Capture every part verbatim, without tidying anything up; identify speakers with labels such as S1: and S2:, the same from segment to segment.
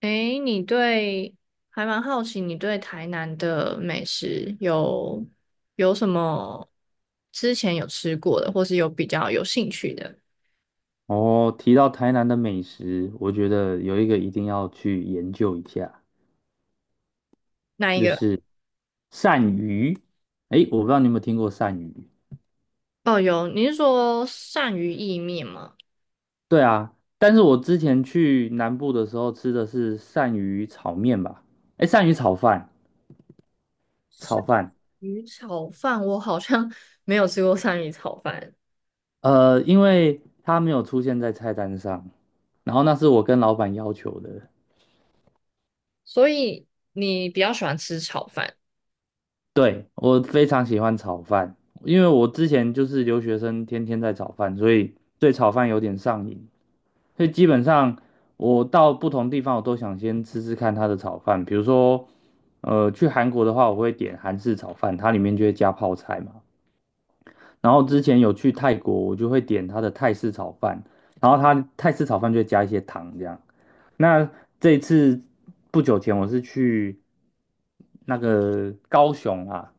S1: 诶，你对，还蛮好奇，你对台南的美食有有什么之前有吃过的，或是有比较有兴趣的
S2: 哦，提到台南的美食，我觉得有一个一定要去研究一下，
S1: 那一
S2: 就
S1: 个？
S2: 是鳝鱼。诶，我不知道你有没有听过鳝鱼？
S1: 哦，有，你是说鳝鱼意面吗？
S2: 对啊，但是我之前去南部的时候吃的是鳝鱼炒面吧？诶，鳝鱼炒饭，炒饭。
S1: 鱼炒饭，我好像 没有吃过鳝鱼炒饭，
S2: 呃，因为它没有出现在菜单上，然后那是我跟老板要求的。
S1: 所以你比较喜欢吃炒饭。
S2: 对，我非常喜欢炒饭，因为我之前就是留学生，天天在炒饭，所以对炒饭有点上瘾。所以基本上我到不同地方，我都想先吃吃看它的炒饭。比如说，呃，去韩国的话，我会点韩式炒饭，它里面就会加泡菜嘛。然后之前有去泰国，我就会点它的泰式炒饭，然后它泰式炒饭就会加一些糖这样。那这一次不久前我是去那个高雄啊，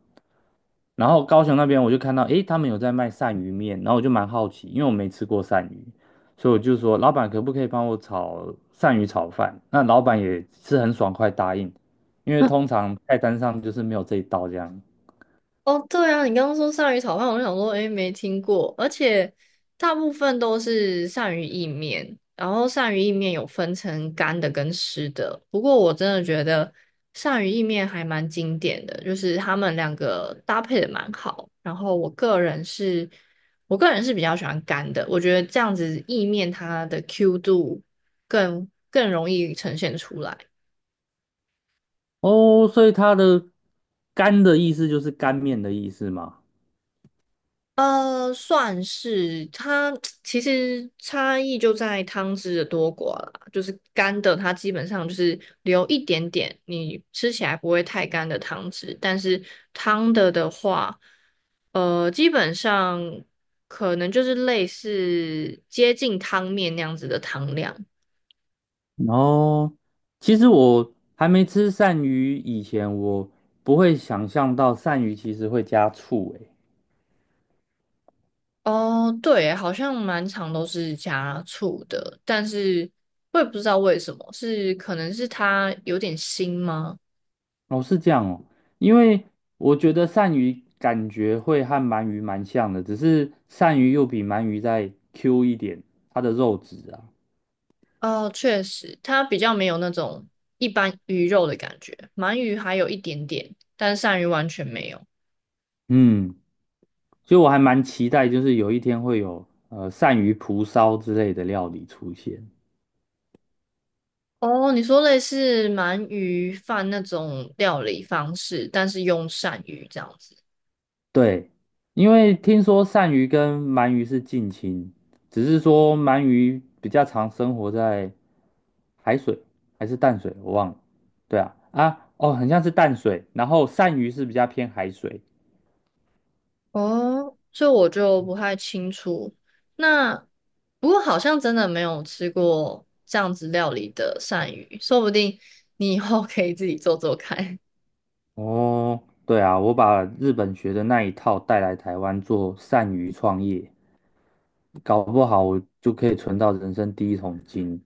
S2: 然后高雄那边我就看到，诶，他们有在卖鳝鱼面，然后我就蛮好奇，因为我没吃过鳝鱼，所以我就说，老板可不可以帮我炒鳝鱼炒饭？那老板也是很爽快答应，因为通常菜单上就是没有这一道这样。
S1: 哦，对啊，你刚刚说鳝鱼炒饭，我就想说，诶，没听过，而且大部分都是鳝鱼意面，然后鳝鱼意面有分成干的跟湿的。不过我真的觉得鳝鱼意面还蛮经典的，就是他们两个搭配的蛮好。然后我个人是，我个人是比较喜欢干的，我觉得这样子意面它的 Q 度更更容易呈现出来。
S2: 哦，所以它的干的意思就是干面的意思嘛。
S1: 呃，算是它 其实差异就在汤汁的多寡啦。就是干的，它基本上就是留一点点，你吃起来不会太干的汤汁。但是汤的的话，呃，基本上可能就是类似接近汤面那样子的汤量。
S2: 然后其实我还没吃鳝鱼以前，我不会想象到鳝鱼其实会加醋，诶。
S1: 哦，对，好像满场都是加醋的，但是我也不知道为什么，是可能是它有点腥吗？
S2: 哦，是这样哦，因为我觉得鳝鱼感觉会和鳗鱼蛮像的，只是鳝鱼又比鳗鱼再 Q 一点，它的肉质啊，
S1: 哦，确实，它比较没有那种一般鱼肉的感觉，鳗鱼还有一点点，但是鳝鱼完全没有。
S2: 嗯，所以我还蛮期待，就是有一天会有呃鳝鱼蒲烧之类的料理出现。
S1: 哦，你说类似鳗鱼饭那种料理方式，但是用鳝鱼这样子。
S2: 对，因为听说鳝鱼跟鳗鱼是近亲，只是说鳗鱼比较常生活在海水还是淡水，我忘了。对啊，啊，哦，很像是淡水，然后鳝鱼是比较偏海水。
S1: 哦，这我就不太清楚。那不过好像真的没有吃过这样子料理的鳝鱼，说不定你以后可以自己做做看。
S2: 哦，对啊，我把日本学的那一套带来台湾做善于创业，搞不好我就可以存到人生第一桶金。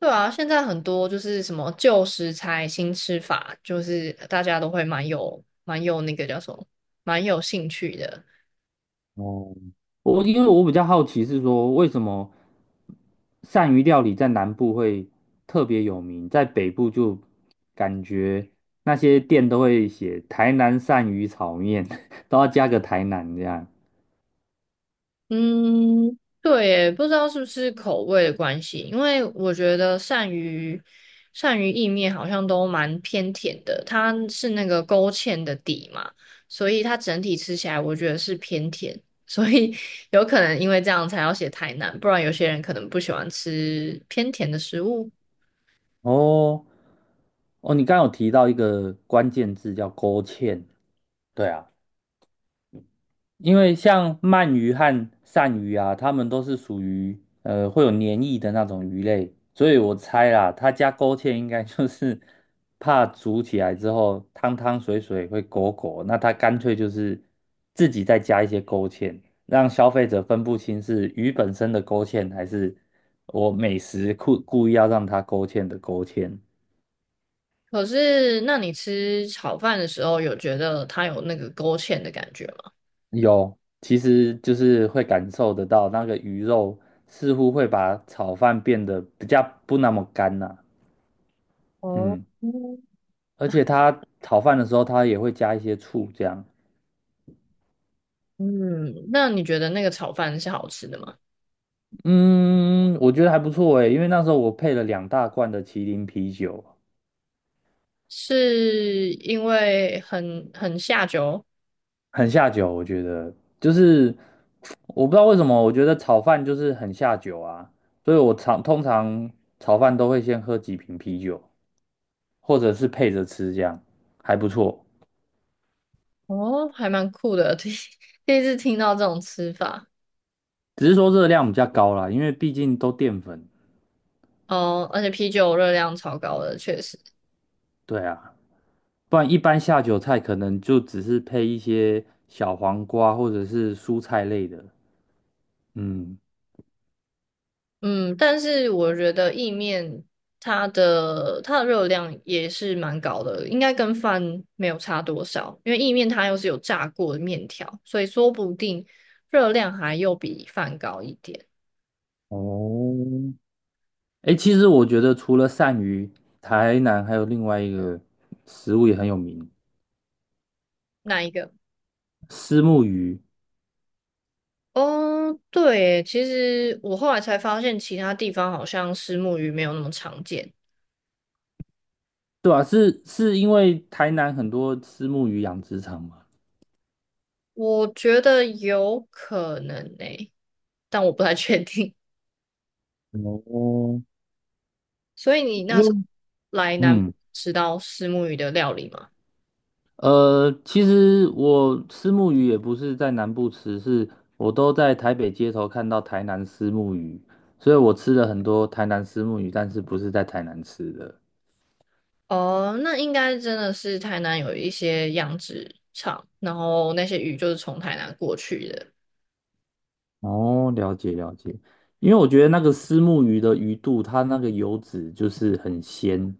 S1: 对啊，现在很多就是什么旧食材新吃法，就是大家都会蛮有蛮有那个叫什么，蛮有兴趣的。
S2: 哦，我因为我比较好奇是说，为什么鳝鱼料理在南部会特别有名，在北部就感觉那些店都会写台南鳝鱼炒面，都要加个台南这样。
S1: 嗯，对耶，不知道是不是口味的关系，因为我觉得鳝鱼鳝鱼意面好像都蛮偏甜的，它是那个勾芡的底嘛，所以它整体吃起来我觉得是偏甜，所以 有可能因为这样才要写台南，不然有些人可能不喜欢吃偏甜的食物。
S2: 哦，哦，你刚刚有提到一个关键字叫勾芡，对啊。因为像鳗鱼和鳝鱼啊，它们都是属于呃会有黏液的那种鱼类，所以我猜啦，它加勾芡应该就是怕煮起来之后汤汤水水会狗狗，那它干脆就是自己再加一些勾芡，让消费者分不清是鱼本身的勾芡还是我美食故故意要让它勾芡的勾芡。
S1: 可是，那你吃炒饭的时候，有觉得它有那个勾芡的感觉吗？
S2: 有，其实就是会感受得到那个鱼肉似乎会把炒饭变得比较不那么干呐、
S1: 哦，
S2: 嗯，
S1: 嗯。
S2: 而且它炒饭的时候，它也会加一些醋，这样。
S1: 嗯，那你觉得那个炒饭是好吃的吗？
S2: 嗯，我觉得还不错诶，因为那时候我配了两大罐的麒麟啤酒，
S1: 是因为很很下酒。
S2: 很下酒。我觉得就是我不知道为什么，我觉得炒饭就是很下酒啊，所以我常通常炒饭都会先喝几瓶啤酒，或者是配着吃，这样还不错。
S1: 哦，还蛮酷的，第一第一次听到这种吃法。
S2: 只是说热量比较高啦，因为毕竟都淀粉。
S1: 哦，而且啤酒热量超高的，确实。
S2: 对啊，不然一般下酒菜可能就只是配一些小黄瓜或者是蔬菜类的。嗯，
S1: 嗯，但是我觉得意面它的它的热量也是蛮高的，应该跟饭没有差多少，因为意面它又是有炸过的面条，所以说不定热量还又比饭高一点。
S2: 哦，哎，其实我觉得除了鳝鱼，台南还有另外一个食物也很有名，
S1: 哪一个？
S2: 虱目鱼。
S1: 哦，对耶，其实我后来才发现，其他地方好像虱目鱼没有那么常见。
S2: 对啊，是是因为台南很多虱目鱼养殖场嘛。
S1: 我觉得有可能诶，但我不太确定。
S2: 哦，
S1: 所以你
S2: 因
S1: 那时候
S2: 为
S1: 来南部
S2: 嗯
S1: 吃到虱目鱼的料理吗？
S2: 呃，其实我虱目鱼也不是在南部吃，是我都在台北街头看到台南虱目鱼，所以我吃了很多台南虱目鱼，但是不是在台南吃的。
S1: 哦，那应该真的是台南有一些养殖场，然后那些鱼就是从台南过去的。
S2: 哦，了解了解，因为我觉得那个虱目鱼的鱼肚，它那个油脂就是很鲜。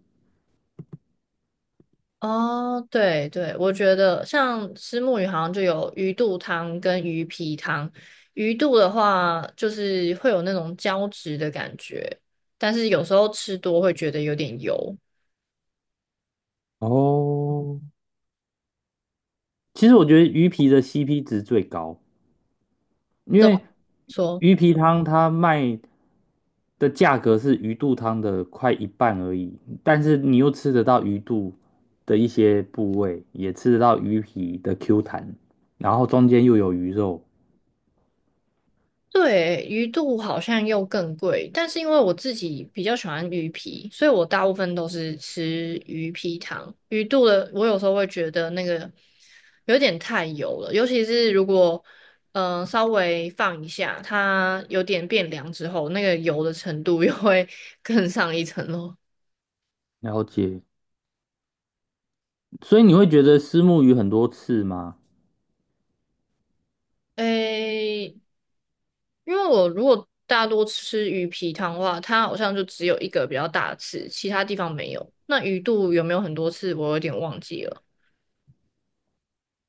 S1: 哦，对对，我觉得像虱目鱼好像就有鱼肚汤跟鱼皮汤。鱼肚的话，就是会有那种胶质的感觉，但是有时候吃多会觉得有点油。
S2: 哦，其实我觉得鱼皮的 C P 值最高，因
S1: 怎
S2: 为
S1: 么说？
S2: 鱼皮汤它卖的价格是鱼肚汤的快一半而已，但是你又吃得到鱼肚的一些部位，也吃得到鱼皮的 Q 弹，然后中间又有鱼肉，
S1: 对，鱼肚好像又更贵，但是因为我自己比较喜欢鱼皮，所以我大部分都是吃鱼皮汤。鱼肚的，我有时候会觉得那个有点太油了，尤其是如果嗯、呃稍微放一下，它有点变凉之后，那个油的程度又会 更上一层楼。
S2: 了解。所以你会觉得虱目鱼很多刺吗？
S1: 诶，因为我如果大多吃鱼皮汤的话，它好像就只有一个比较大的刺，其他地方没有。那鱼肚有没有很多刺，我有点忘记了。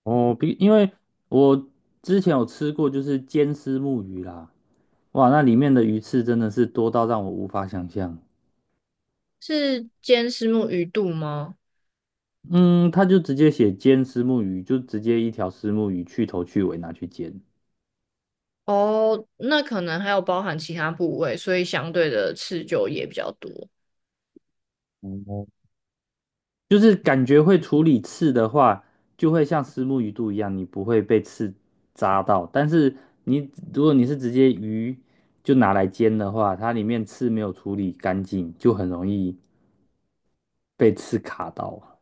S2: 哦，比因为我之前有吃过，就是煎虱目鱼啦，哇，那里面的鱼刺真的是多到让我无法想象。
S1: 是煎虱目鱼肚吗？
S2: 嗯，他就直接写煎虱目鱼，就直接一条虱目鱼去头去尾拿去煎。
S1: 哦，那可能还有包含其他部位，所以相对的刺就也比较多。
S2: 哦，就是感觉会处理刺的话，就会像虱目鱼肚一样，你不会被刺扎到。但是你如果你是直接鱼就拿来煎的话，它里面刺没有处理干净，就很容易被刺卡到。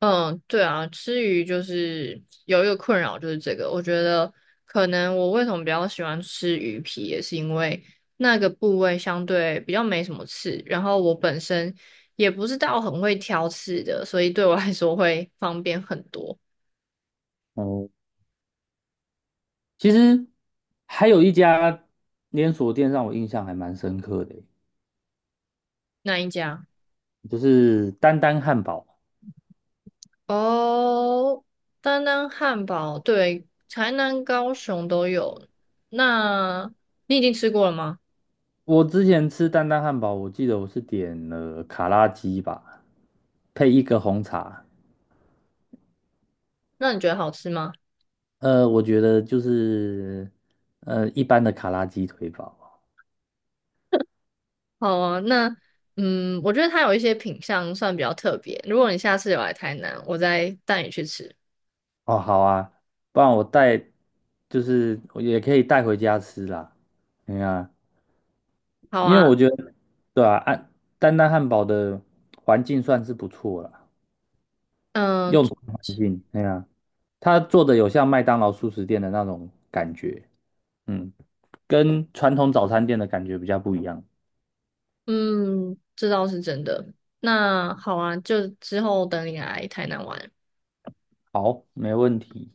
S1: 嗯，对啊，吃鱼就是有一个困扰，就是这个。我觉得可能我为什么比较喜欢吃鱼皮，也是因为那个部位相对比较没什么刺，然后我本身也不是到很会挑刺的，所以对我来说会方便很多。
S2: 哦，其实还有一家连锁店让我印象还蛮深刻的，
S1: 那一家。
S2: 就是丹丹汉堡。
S1: 哦，丹丹汉堡，对，台南、高雄都有。那你已经吃过了吗？
S2: 我之前吃丹丹汉堡，我记得我是点了卡拉鸡吧，配一个红茶。
S1: 那你觉得好吃吗？
S2: 呃，我觉得就是呃一般的卡拉鸡腿堡。
S1: 好啊，那嗯，我觉得它有一些品相算比较特别。如果你下次有来台南，我再带你去吃。
S2: 哦，好啊，不然我带就是我也可以带回家吃啦。哎呀，
S1: 好
S2: 因为
S1: 啊，
S2: 我觉得对啊，安丹丹汉堡的环境算是不错啦，
S1: 嗯
S2: 用餐环境，哎呀，它做的有像麦当劳速食店的那种感觉，嗯，跟传统早餐店的感觉比较不一样。
S1: 嗯，这倒是真的。那好啊，就之后等你来台南玩。
S2: 好，没问题。